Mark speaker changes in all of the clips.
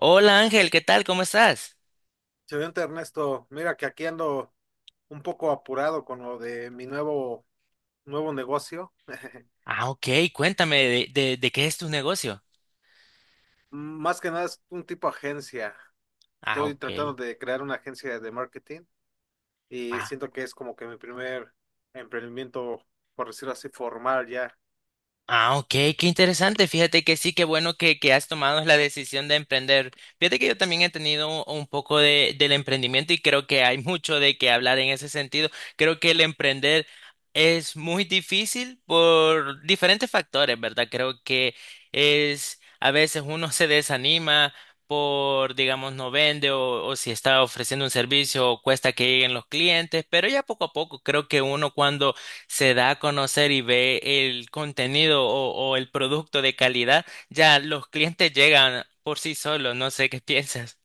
Speaker 1: Hola Ángel, ¿qué tal? ¿Cómo estás?
Speaker 2: Excelente, Ernesto. Mira que aquí ando un poco apurado con lo de mi nuevo negocio.
Speaker 1: Ah, ok, cuéntame de qué es tu negocio.
Speaker 2: Más que nada es un tipo agencia.
Speaker 1: Ah,
Speaker 2: Estoy
Speaker 1: ok.
Speaker 2: tratando de crear una agencia de marketing y
Speaker 1: Ah,
Speaker 2: siento que es como que mi primer emprendimiento, por decirlo así, formal ya.
Speaker 1: Ah, ok, qué interesante. Fíjate que sí, qué bueno que has tomado la decisión de emprender. Fíjate que yo también he tenido un poco del emprendimiento y creo que hay mucho de qué hablar en ese sentido. Creo que el emprender es muy difícil por diferentes factores, ¿verdad? Creo que es, a veces uno se desanima por, digamos, no vende o si está ofreciendo un servicio, cuesta que lleguen los clientes, pero ya poco a poco creo que uno cuando se da a conocer y ve el contenido o el producto de calidad, ya los clientes llegan por sí solos. No sé qué piensas.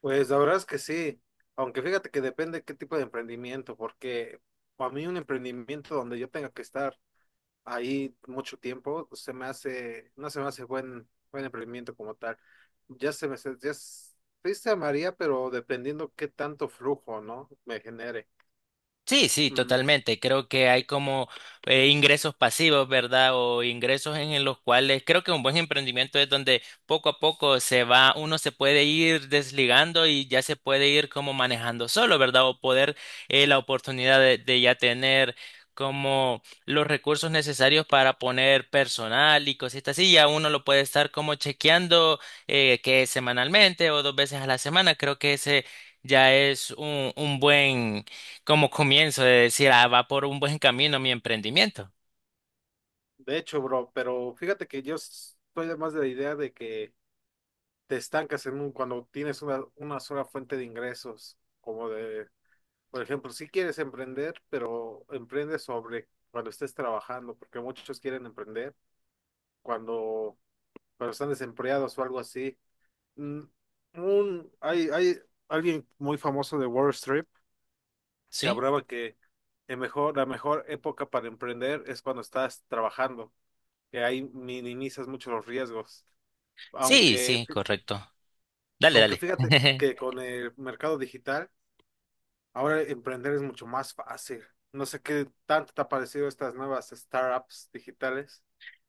Speaker 2: Pues la verdad es que sí, aunque fíjate que depende qué tipo de emprendimiento, porque para mí un emprendimiento donde yo tenga que estar ahí mucho tiempo, se me hace, no se me hace buen emprendimiento como tal. Ya se me, se- ya s- Sí se amaría, pero dependiendo qué tanto flujo, ¿no? Me genere.
Speaker 1: Sí, sí,
Speaker 2: Mm.
Speaker 1: totalmente. Creo que hay como ingresos pasivos, ¿verdad? O ingresos en los cuales creo que un buen emprendimiento es donde poco a poco se va, uno se puede ir desligando y ya se puede ir como manejando solo, ¿verdad? O poder la oportunidad de ya tener como los recursos necesarios para poner personal y cositas así. Ya uno lo puede estar como chequeando que semanalmente o dos veces a la semana. Creo que ese ya es un buen como comienzo de decir, ah, va por un buen camino mi emprendimiento,
Speaker 2: De hecho, bro, pero fíjate que yo estoy más de la idea de que te estancas en un, cuando tienes una sola fuente de ingresos, como de, por ejemplo, si quieres emprender, pero emprende sobre cuando estés trabajando, porque muchos quieren emprender cuando, cuando están desempleados o algo así. mm, Hay alguien muy famoso de Wall Street que
Speaker 1: ¿sí?
Speaker 2: hablaba que la mejor época para emprender es cuando estás trabajando, que ahí minimizas mucho los riesgos.
Speaker 1: Sí,
Speaker 2: Aunque,
Speaker 1: sí, correcto. Dale,
Speaker 2: aunque
Speaker 1: dale.
Speaker 2: fíjate que con el mercado digital, ahora emprender es mucho más fácil. No sé qué tanto te ha parecido estas nuevas startups digitales.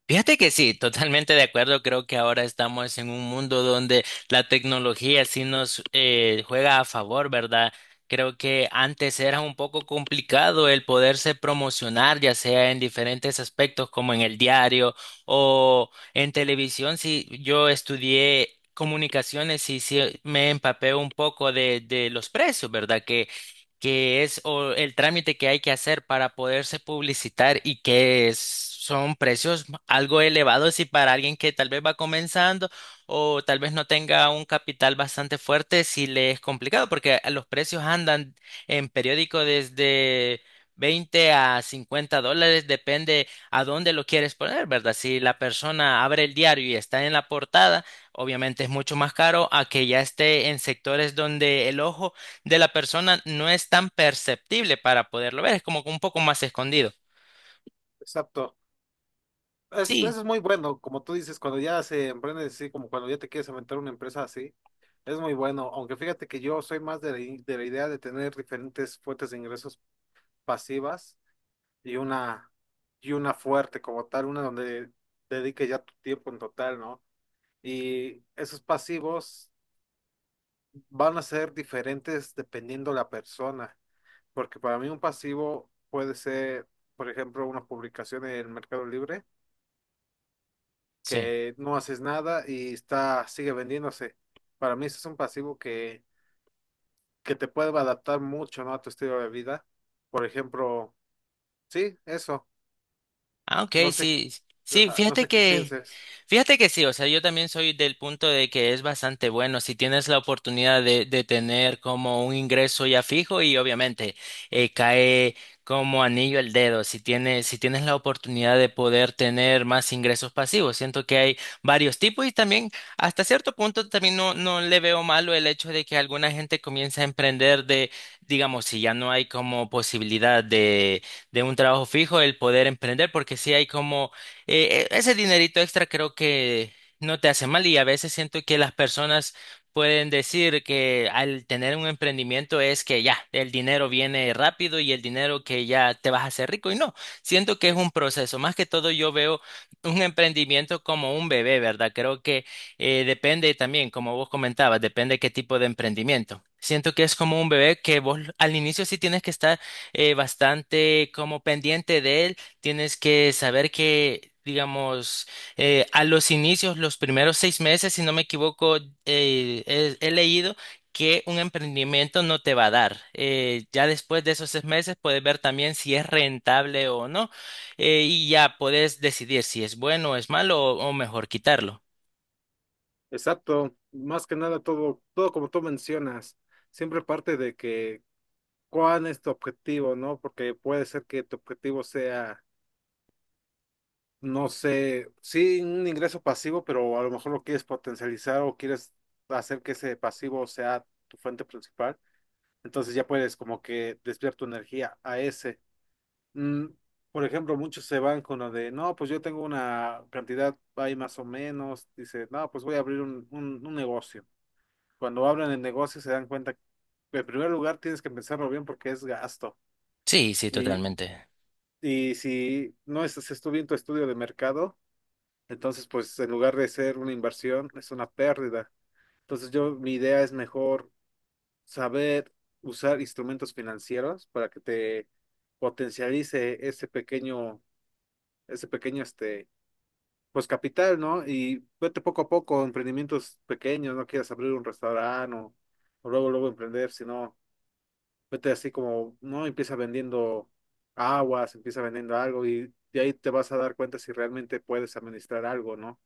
Speaker 1: Fíjate que sí, totalmente de acuerdo. Creo que ahora estamos en un mundo donde la tecnología sí nos juega a favor, ¿verdad? Creo que antes era un poco complicado el poderse promocionar, ya sea en diferentes aspectos como en el diario o en televisión. Sí, yo estudié comunicaciones y sí me empapé un poco de los precios, ¿verdad? Que es o el trámite que hay que hacer para poderse publicitar y que son precios algo elevados y para alguien que tal vez va comenzando o tal vez no tenga un capital bastante fuerte, sí le es complicado porque los precios andan en periódico desde 20 a $50, depende a dónde lo quieres poner, ¿verdad? Si la persona abre el diario y está en la portada, obviamente es mucho más caro a que ya esté en sectores donde el ojo de la persona no es tan perceptible para poderlo ver, es como que un poco más escondido.
Speaker 2: Exacto.
Speaker 1: Sí,
Speaker 2: Eso es muy bueno, como tú dices, cuando ya se emprende así, como cuando ya te quieres aventar una empresa así, es muy bueno, aunque fíjate que yo soy más de de la idea de tener diferentes fuentes de ingresos pasivas y una, y una fuerte como tal, una donde dedique ya tu tiempo en total, ¿no? Y esos pasivos van a ser diferentes dependiendo la persona, porque para mí un pasivo puede ser, por ejemplo, una publicación en el Mercado Libre
Speaker 1: sí.
Speaker 2: que no haces nada y está, sigue vendiéndose. Para mí eso es un pasivo que te puede adaptar mucho, ¿no?, a tu estilo de vida. Por ejemplo, sí, eso.
Speaker 1: Ah, ok,
Speaker 2: No sé,
Speaker 1: sí. Sí.
Speaker 2: ajá, no sé qué pienses.
Speaker 1: Fíjate que sí, o sea, yo también soy del punto de que es bastante bueno si tienes la oportunidad de tener como un ingreso ya fijo y obviamente cae como anillo al dedo si tienes la oportunidad de poder tener más ingresos pasivos. Siento que hay varios tipos y también hasta cierto punto también no, no le veo malo el hecho de que alguna gente comience a emprender de, digamos, si ya no hay como posibilidad de un trabajo fijo, el poder emprender porque sí hay como ese dinerito extra creo que no te hace mal y a veces siento que las personas pueden decir que al tener un emprendimiento es que ya, el dinero viene rápido y el dinero que ya te vas a hacer rico y no, siento que es un proceso. Más que todo yo veo un emprendimiento como un bebé, ¿verdad? Creo que depende también, como vos comentabas, depende qué tipo de emprendimiento. Siento que es como un bebé que vos al inicio sí tienes que estar bastante como pendiente de él. Tienes que saber que, digamos, a los inicios, los primeros seis meses, si no me equivoco, he leído que un emprendimiento no te va a dar. Ya después de esos seis meses puedes ver también si es rentable o no, y ya puedes decidir si es bueno o es malo o mejor quitarlo.
Speaker 2: Exacto, más que nada todo como tú mencionas, siempre parte de que cuál es tu objetivo, ¿no? Porque puede ser que tu objetivo sea, no sé, sí un ingreso pasivo, pero a lo mejor lo quieres potencializar o quieres hacer que ese pasivo sea tu fuente principal. Entonces ya puedes como que desviar tu energía a ese. Mm, por ejemplo, muchos se van con lo de, no, pues yo tengo una cantidad ahí más o menos. Dice, no, pues voy a abrir un negocio. Cuando abren el negocio se dan cuenta que en primer lugar tienes que pensarlo bien porque es gasto.
Speaker 1: Sí, sí,
Speaker 2: Y,
Speaker 1: totalmente.
Speaker 2: y si no estás estudiando bien tu estudio de mercado, entonces pues en lugar de ser una inversión, es una pérdida. Entonces yo, mi idea es mejor saber usar instrumentos financieros para que te potencialice ese pequeño, este, pues capital, ¿no? Y vete poco a poco, emprendimientos pequeños, no quieras abrir un restaurante o luego, luego emprender, sino vete así como, no, empieza vendiendo aguas, empieza vendiendo algo y de ahí te vas a dar cuenta si realmente puedes administrar algo, ¿no?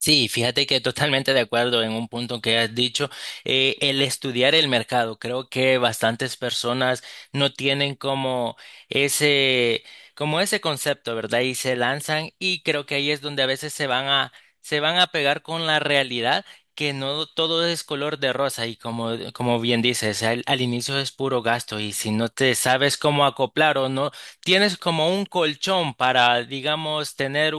Speaker 1: Sí, fíjate que totalmente de acuerdo en un punto que has dicho. El estudiar el mercado, creo que bastantes personas no tienen ese, como ese concepto, ¿verdad? Y se lanzan y creo que ahí es donde a veces se van a pegar con la realidad que no todo es color de rosa y como bien dices, al inicio es puro gasto y si no te sabes cómo acoplar o no tienes como un colchón para, digamos, tener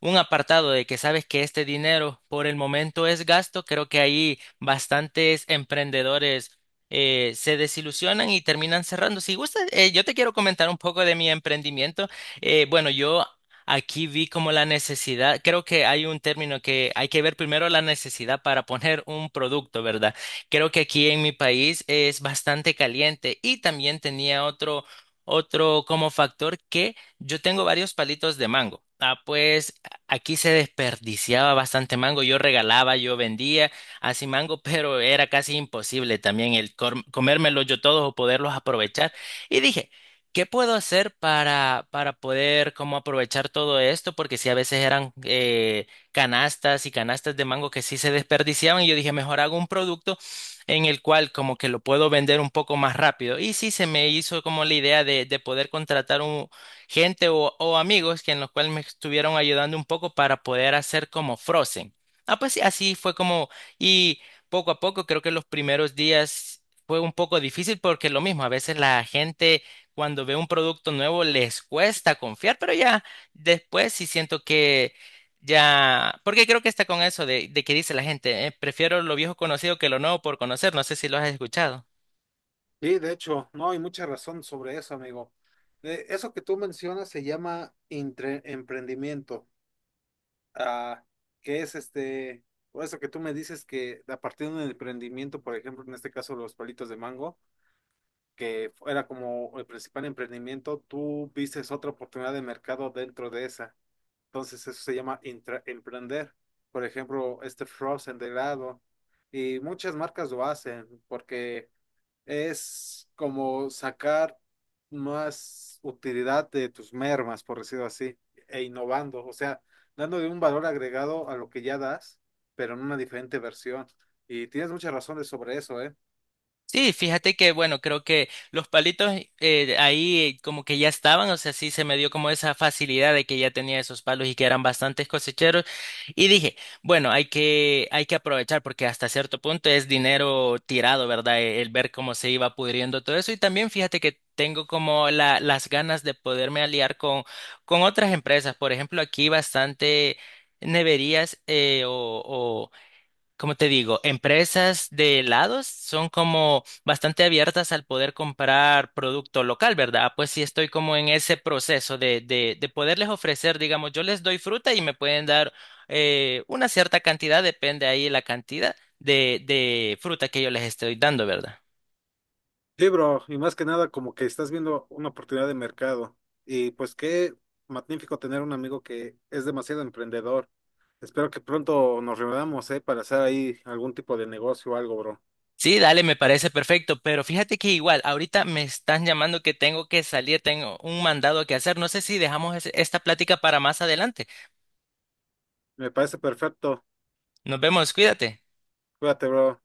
Speaker 1: un apartado de que sabes que este dinero por el momento es gasto, creo que ahí bastantes emprendedores se desilusionan y terminan cerrando. Si gustas, yo te quiero comentar un poco de mi emprendimiento. Bueno, yo aquí vi como la necesidad, creo que hay un término que hay que ver primero la necesidad para poner un producto, ¿verdad? Creo que aquí en mi país es bastante caliente y también tenía otro como factor que yo tengo varios palitos de mango. Ah, pues aquí se desperdiciaba bastante mango, yo regalaba, yo vendía así mango, pero era casi imposible también el comérmelos yo todos o poderlos aprovechar. Y dije, ¿qué puedo hacer para poder como aprovechar todo esto? Porque sí, a veces eran canastas y canastas de mango que sí se desperdiciaban y yo dije, mejor hago un producto en el cual como que lo puedo vender un poco más rápido. Y sí, se me hizo como la idea de poder contratar gente o amigos que en los cuales me estuvieron ayudando un poco para poder hacer como Frozen. Ah, pues sí, así fue como, y poco a poco creo que los primeros días fue un poco difícil porque lo mismo, a veces la gente cuando ve un producto nuevo les cuesta confiar, pero ya después sí siento que ya, porque creo que está con eso de que dice la gente, prefiero lo viejo conocido que lo nuevo por conocer, no sé si lo has escuchado.
Speaker 2: Sí, de hecho, no, hay mucha razón sobre eso, amigo. Eso que tú mencionas se llama emprendimiento. Ah, que es este, por eso que tú me dices que a partir de un emprendimiento, por ejemplo, en este caso los palitos de mango, que era como el principal emprendimiento, tú vistes otra oportunidad de mercado dentro de esa. Entonces eso se llama intra- emprender. Por ejemplo, este Frozen de helado. Y muchas marcas lo hacen porque es como sacar más utilidad de tus mermas, por decirlo así, e innovando, o sea, dándole un valor agregado a lo que ya das, pero en una diferente versión. Y tienes muchas razones sobre eso, ¿eh?
Speaker 1: Sí, fíjate que, bueno, creo que los palitos ahí como que ya estaban, o sea, sí se me dio como esa facilidad de que ya tenía esos palos y que eran bastantes cosecheros. Y dije, bueno, hay que aprovechar porque hasta cierto punto es dinero tirado, ¿verdad? El, ver cómo se iba pudriendo todo eso. Y también fíjate que tengo como la, las ganas de poderme aliar con otras empresas. Por ejemplo, aquí bastante neverías o, como te digo, empresas de helados son como bastante abiertas al poder comprar producto local, ¿verdad? Pues sí estoy como en ese proceso de poderles ofrecer, digamos, yo les doy fruta y me pueden dar una cierta cantidad, depende ahí la cantidad de fruta que yo les estoy dando, ¿verdad?
Speaker 2: Sí, bro, y más que nada como que estás viendo una oportunidad de mercado. Y pues qué magnífico tener un amigo que es demasiado emprendedor. Espero que pronto nos reunamos, ¿eh? Para hacer ahí algún tipo de negocio o algo, bro.
Speaker 1: Sí, dale, me parece perfecto, pero fíjate que igual, ahorita me están llamando que tengo que salir, tengo un mandado que hacer, no sé si dejamos esta plática para más adelante.
Speaker 2: Me parece perfecto.
Speaker 1: Nos vemos, cuídate.
Speaker 2: Cuídate, bro.